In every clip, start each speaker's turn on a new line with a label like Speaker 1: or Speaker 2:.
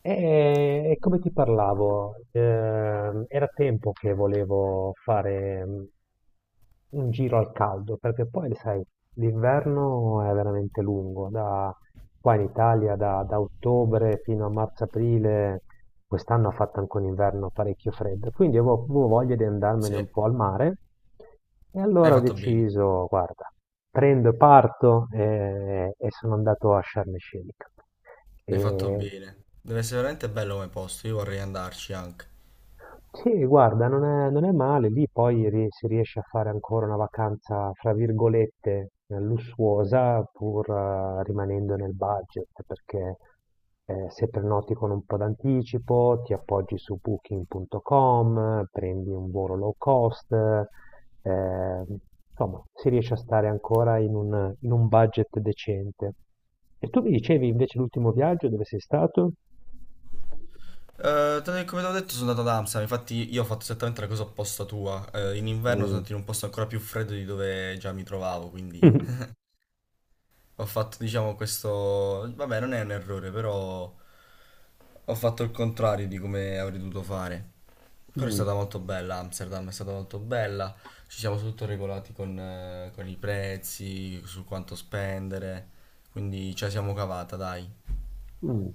Speaker 1: E, e come ti parlavo, era tempo che volevo fare un giro al caldo, perché poi, sai, l'inverno è veramente lungo, da qua in Italia, da ottobre fino a marzo-aprile, quest'anno ha fatto anche un inverno parecchio freddo, quindi avevo voglia di andarmene
Speaker 2: Sì,
Speaker 1: un po' al mare, e
Speaker 2: hai
Speaker 1: allora ho
Speaker 2: fatto bene,
Speaker 1: deciso, guarda, prendo e parto, e sono andato a Sharm el Sheikh.
Speaker 2: hai fatto
Speaker 1: E
Speaker 2: bene. Deve essere veramente bello come posto, io vorrei andarci anche.
Speaker 1: sì, guarda, non è male, lì poi si riesce a fare ancora una vacanza, fra virgolette, lussuosa, pur rimanendo nel budget, perché se prenoti con un po' d'anticipo, ti appoggi su booking.com, prendi un volo low cost, insomma, si riesce a stare ancora in in un budget decente. E tu mi dicevi invece l'ultimo viaggio dove sei stato?
Speaker 2: Come ti ho detto sono andato ad Amsterdam, infatti io ho fatto esattamente la cosa opposta tua. In inverno sono
Speaker 1: Mm.
Speaker 2: andato in un posto ancora più freddo di dove già mi trovavo, quindi ho fatto, diciamo, questo. Vabbè, non è un errore, però ho fatto il contrario di come avrei dovuto fare. Però è
Speaker 1: Mm.
Speaker 2: stata molto bella, Amsterdam è stata molto bella. Ci siamo tutto regolati con i prezzi, su quanto spendere. Quindi ce la siamo cavata, dai.
Speaker 1: Mh.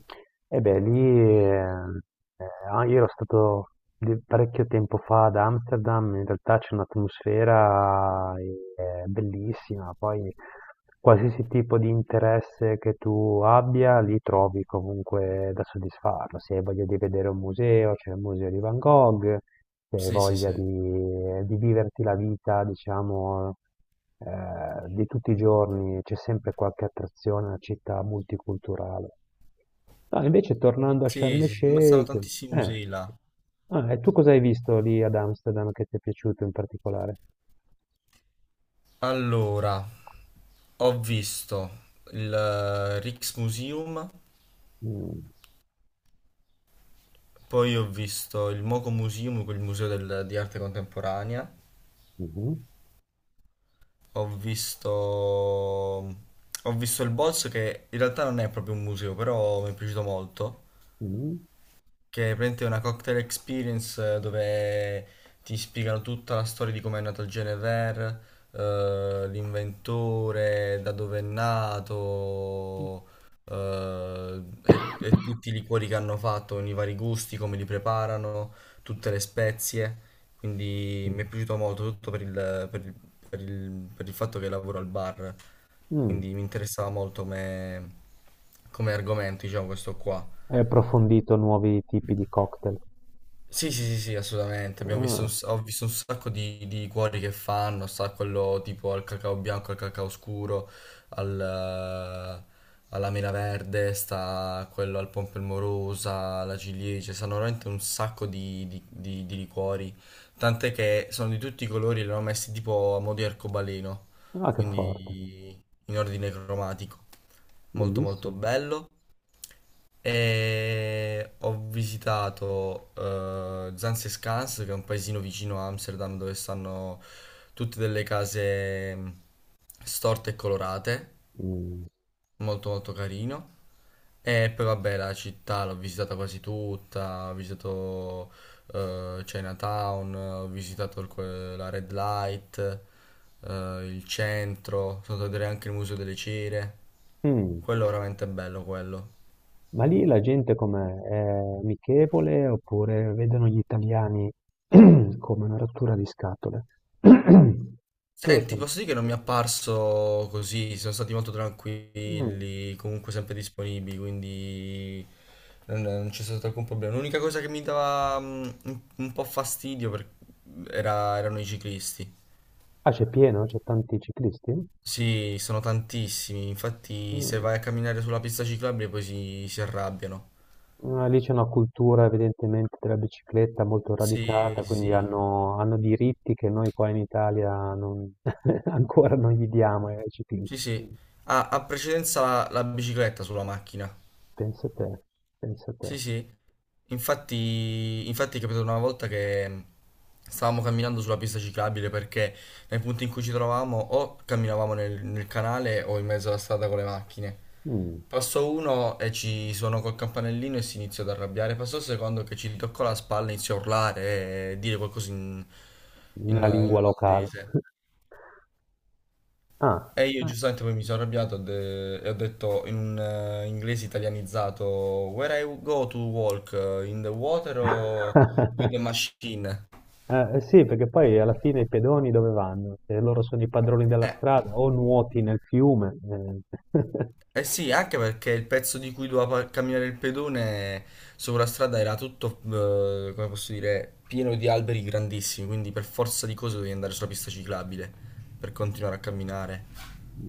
Speaker 1: E beh, lì, ehm, ah, io ero stato di parecchio tempo fa ad Amsterdam, in realtà c'è un'atmosfera, bellissima, poi qualsiasi tipo di interesse che tu abbia, lì trovi comunque da soddisfarlo. Se hai voglia di vedere un museo, c'è il museo di Van Gogh, se hai
Speaker 2: Sì, sì,
Speaker 1: voglia
Speaker 2: sì.
Speaker 1: di viverti la vita, diciamo, di tutti i giorni, c'è sempre qualche attrazione, è una città multiculturale. No, invece tornando a
Speaker 2: Sì,
Speaker 1: Sharm
Speaker 2: sì, sì, ma stanno
Speaker 1: el-Sheikh,
Speaker 2: tantissimi
Speaker 1: eh.
Speaker 2: musei là.
Speaker 1: Ah, e tu cosa hai visto lì ad Amsterdam che ti è piaciuto in particolare?
Speaker 2: Allora, ho visto il Rijksmuseum,
Speaker 1: Mm,
Speaker 2: poi ho visto il Moco Museum, quel museo di arte contemporanea.
Speaker 1: mhm,
Speaker 2: Ho visto... Ho visto il boss che in realtà non è proprio un museo, però mi è piaciuto molto.
Speaker 1: mhm,
Speaker 2: Che è praticamente una cocktail experience dove ti spiegano tutta la storia di come è nato il Genever, l'inventore, da dove è nato, e tutti i liquori che hanno fatto, i vari gusti, come li preparano, tutte le spezie. Quindi
Speaker 1: mm,
Speaker 2: mi è piaciuto molto, tutto per il fatto che lavoro al bar.
Speaker 1: mm.
Speaker 2: Quindi mi interessava molto come argomento, diciamo, questo qua.
Speaker 1: Hai approfondito nuovi tipi di cocktail.
Speaker 2: Sì, sì, sì, sì, assolutamente. Abbiamo visto un
Speaker 1: Ah,
Speaker 2: s- Ho visto un sacco di cuori che fanno, sta quello tipo al cacao bianco, al cacao scuro, al, eh, alla mela verde, sta quello al pompelmorosa, alla ciliegia, stanno veramente un sacco di liquori. Tant'è che sono di tutti i colori, li hanno messi tipo a mo' di arcobaleno,
Speaker 1: ah, che forte,
Speaker 2: quindi in ordine cromatico. Molto molto
Speaker 1: bellissimo.
Speaker 2: bello. E ho visitato Zans e Scans, che è un paesino vicino a Amsterdam dove stanno tutte delle case storte e colorate,
Speaker 1: Mm,
Speaker 2: molto molto carino. E poi vabbè la città l'ho visitata quasi tutta, ho visitato Chinatown, ho visitato la Red Light, il centro, sono andato a vedere anche il Museo delle Cere.
Speaker 1: mm.
Speaker 2: Quello è veramente bello quello.
Speaker 1: Ma lì la gente com'è? È amichevole oppure vedono gli italiani come una rottura di scatole? Pure
Speaker 2: Senti,
Speaker 1: c'è-
Speaker 2: posso dire che non mi è apparso così, sono stati molto
Speaker 1: Mm.
Speaker 2: tranquilli, comunque sempre disponibili, quindi non c'è stato alcun problema. L'unica cosa che mi dava un po' fastidio erano i ciclisti.
Speaker 1: Ah, c'è pieno? C'è tanti ciclisti?
Speaker 2: Sì, sono tantissimi, infatti se
Speaker 1: Mm.
Speaker 2: vai a camminare sulla pista ciclabile poi si arrabbiano.
Speaker 1: Ah, lì c'è una cultura evidentemente della bicicletta molto
Speaker 2: Sì,
Speaker 1: radicata,
Speaker 2: sì,
Speaker 1: quindi
Speaker 2: sì,
Speaker 1: hanno diritti che noi qua in Italia non- ancora non gli diamo ai ciclisti.
Speaker 2: sì, sì. Ah, ha precedenza la bicicletta sulla macchina.
Speaker 1: Pensa te, pensa te.
Speaker 2: Sì, sì, infatti è capitato una volta che stavamo camminando sulla pista ciclabile perché nei punti in cui ci trovavamo o camminavamo nel canale o in mezzo alla strada con le macchine.
Speaker 1: Mm,
Speaker 2: Passò uno e ci suonò col campanellino e si iniziò ad arrabbiare. Passò il secondo che ci toccò la spalla e iniziò a urlare e dire qualcosa in, in, in,
Speaker 1: una lingua locale.
Speaker 2: olandese.
Speaker 1: Ah.
Speaker 2: E io giustamente poi mi sono arrabbiato, e ho detto in un inglese italianizzato: "Where I go to walk? In the water o with the machine?"
Speaker 1: Sì, perché poi alla fine i pedoni dove vanno? Se loro sono i padroni della
Speaker 2: Eh,
Speaker 1: strada, o nuoti nel fiume, eh.
Speaker 2: eh sì, anche perché il pezzo di cui doveva camminare il pedone sopra la strada era tutto, come posso dire, pieno di alberi grandissimi, quindi per forza di cose dovevi andare sulla pista ciclabile per continuare a camminare.
Speaker 1: Mm.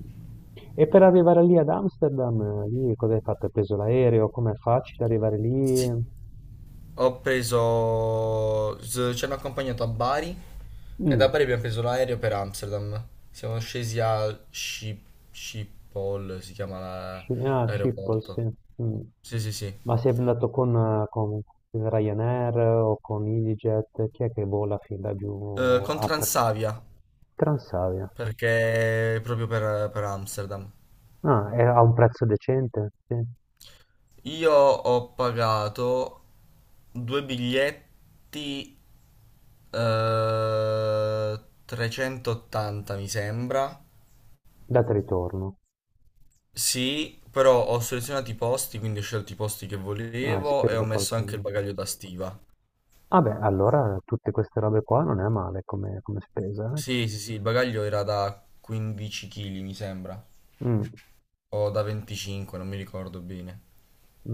Speaker 1: E per arrivare lì ad Amsterdam, lì cosa hai fatto? Hai preso l'aereo? Com'è facile arrivare lì?
Speaker 2: Sì. Ho preso. Ci hanno accompagnato a Bari e da
Speaker 1: Mm.
Speaker 2: Bari abbiamo preso l'aereo per Amsterdam. Siamo scesi a Schiphol, si chiama
Speaker 1: Ah, Schiphol, sì.
Speaker 2: l'aeroporto.
Speaker 1: Mm.
Speaker 2: Sì, sì, sì.
Speaker 1: Ma sei andato con Ryanair o con EasyJet? Chi è che vola fin da giù
Speaker 2: Con
Speaker 1: a
Speaker 2: Transavia,
Speaker 1: Transavia?
Speaker 2: perché proprio per Amsterdam.
Speaker 1: Ah, è a un prezzo decente? Sì.
Speaker 2: Io ho pagato due biglietti eh, 380, mi sembra.
Speaker 1: Data e ritorno.
Speaker 2: Sì, però ho selezionato i posti, quindi ho scelto i posti che
Speaker 1: Ah, hai
Speaker 2: volevo e ho
Speaker 1: speso
Speaker 2: messo
Speaker 1: qualcosa.
Speaker 2: anche il bagaglio da stiva.
Speaker 1: Ah beh, allora tutte queste robe qua non è male come, come spesa, eh?
Speaker 2: Sì, sì, sì, il bagaglio era da 15 kg, mi sembra,
Speaker 1: Mm.
Speaker 2: o da 25, non mi ricordo bene.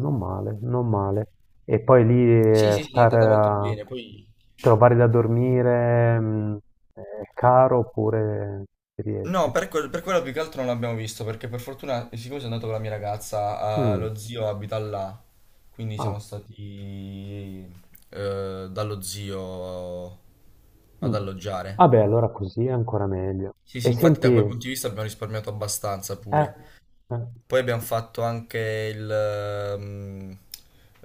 Speaker 1: Non male, non male. E poi lì
Speaker 2: Sì, sì, sì, è
Speaker 1: stare
Speaker 2: andata molto
Speaker 1: a
Speaker 2: bene, poi.
Speaker 1: trovare da dormire è caro oppure si
Speaker 2: No,
Speaker 1: riesce?
Speaker 2: per quello più che altro non l'abbiamo visto, perché per fortuna, siccome sono andato con la mia ragazza,
Speaker 1: Mm,
Speaker 2: lo zio abita là, quindi siamo
Speaker 1: ah,
Speaker 2: stati dallo zio ad
Speaker 1: mm.
Speaker 2: alloggiare.
Speaker 1: Vabbè, allora così è ancora meglio.
Speaker 2: Sì,
Speaker 1: E
Speaker 2: sì, infatti
Speaker 1: senti,
Speaker 2: da quel punto di vista abbiamo risparmiato abbastanza pure.
Speaker 1: eh,
Speaker 2: Poi abbiamo fatto anche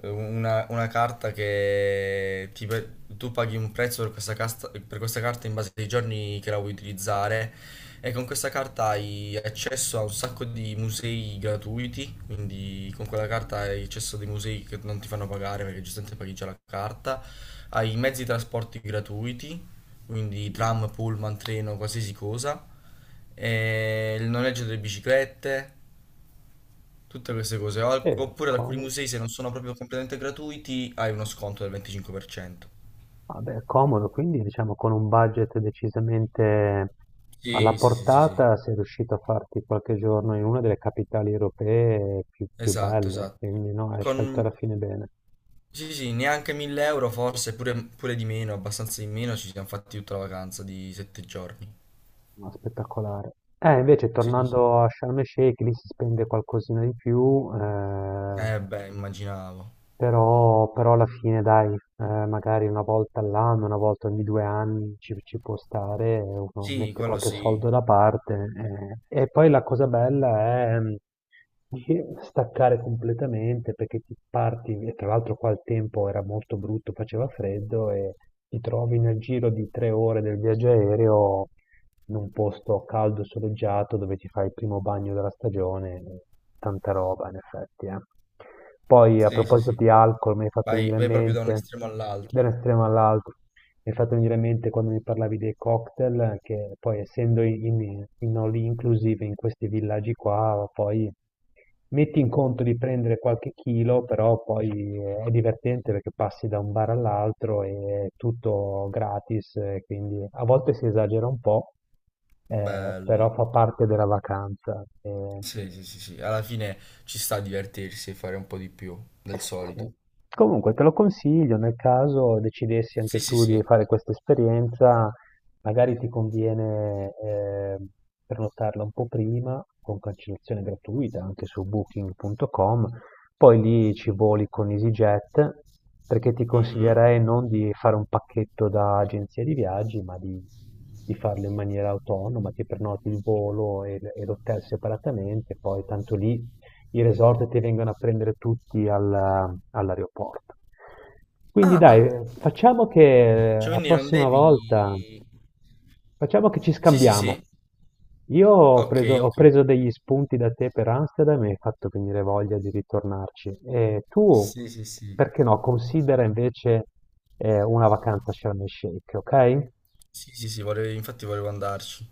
Speaker 2: una carta che tu paghi un prezzo per questa carta in base ai giorni che la vuoi utilizzare, e con questa carta hai accesso a un sacco di musei gratuiti, quindi con quella carta hai accesso a dei musei che non ti fanno pagare perché giustamente paghi già la carta, hai i mezzi di trasporti gratuiti, quindi
Speaker 1: mm,
Speaker 2: tram, pullman, treno, qualsiasi cosa, e il noleggio delle biciclette. Tutte queste cose. Oppure ad alcuni
Speaker 1: comodo.
Speaker 2: musei, se non sono proprio completamente gratuiti, hai uno sconto del 25%.
Speaker 1: Vabbè, comodo, quindi diciamo con un budget decisamente alla
Speaker 2: Sì, sì, sì, sì, sì.
Speaker 1: portata sei riuscito a farti qualche giorno in una delle capitali europee più
Speaker 2: Esatto,
Speaker 1: belle,
Speaker 2: esatto.
Speaker 1: quindi no, hai scelto alla
Speaker 2: Con,
Speaker 1: fine bene,
Speaker 2: sì, sì, neanche 1000 euro forse, pure, pure di meno, abbastanza di meno, ci siamo fatti tutta la vacanza di 7 giorni.
Speaker 1: ma spettacolare. Invece
Speaker 2: Sì, sì, sì.
Speaker 1: tornando a Sharm el Sheikh, lì si spende qualcosina di più,
Speaker 2: Eh beh, immaginavo.
Speaker 1: Però alla fine, dai, magari una volta all'anno, una volta ogni 2 anni ci può stare, uno
Speaker 2: Sì,
Speaker 1: mette
Speaker 2: quello
Speaker 1: qualche
Speaker 2: sì.
Speaker 1: soldo da parte, eh. E poi la cosa bella è di staccare completamente perché ti parti, e tra l'altro qua il tempo era molto brutto, faceva freddo e ti trovi nel giro di 3 ore del viaggio aereo in un posto caldo, soleggiato, dove ti fai il primo bagno della stagione, tanta roba in effetti, eh. Poi a
Speaker 2: Sì, sì,
Speaker 1: proposito
Speaker 2: sì.
Speaker 1: di alcol, mi hai fatto
Speaker 2: Vai,
Speaker 1: venire in
Speaker 2: vai proprio da un
Speaker 1: mente,
Speaker 2: estremo
Speaker 1: da
Speaker 2: all'altro.
Speaker 1: un estremo all'altro. Mi hai fatto venire in mente quando mi parlavi dei cocktail, che poi essendo in all inclusive in questi villaggi qua, poi metti in conto di prendere qualche chilo, però poi è divertente perché passi da un bar all'altro e è tutto gratis, quindi a volte si esagera un po', però
Speaker 2: Bello.
Speaker 1: fa parte della vacanza, eh.
Speaker 2: Sì, sì, sì, sì. Alla fine ci sta a divertirsi e fare un po' di più del
Speaker 1: Sì.
Speaker 2: solito.
Speaker 1: Comunque te lo consiglio nel caso decidessi anche
Speaker 2: Sì, sì,
Speaker 1: tu
Speaker 2: sì.
Speaker 1: di fare questa esperienza, magari ti conviene prenotarla un po' prima con cancellazione gratuita anche su booking.com, poi lì ci voli con EasyJet perché ti
Speaker 2: Mhm.
Speaker 1: consiglierei non di fare un pacchetto da agenzia di viaggi, ma di farlo in maniera autonoma, ti prenoti il volo e l'hotel separatamente, poi tanto lì i resort ti vengono a prendere tutti all'aeroporto. Quindi dai,
Speaker 2: Ah,
Speaker 1: facciamo che
Speaker 2: cioè
Speaker 1: la
Speaker 2: quindi non
Speaker 1: prossima volta,
Speaker 2: devi.
Speaker 1: facciamo che ci
Speaker 2: Sì, sì,
Speaker 1: scambiamo.
Speaker 2: sì. Ok,
Speaker 1: Ho
Speaker 2: ok.
Speaker 1: preso degli spunti da te per Amsterdam e mi hai fatto venire voglia di ritornarci. E tu,
Speaker 2: Sì, sì, sì,
Speaker 1: perché no, considera invece una vacanza a Sharm el Sheikh, ok?
Speaker 2: Sì, sì, sì, infatti volevo andarci.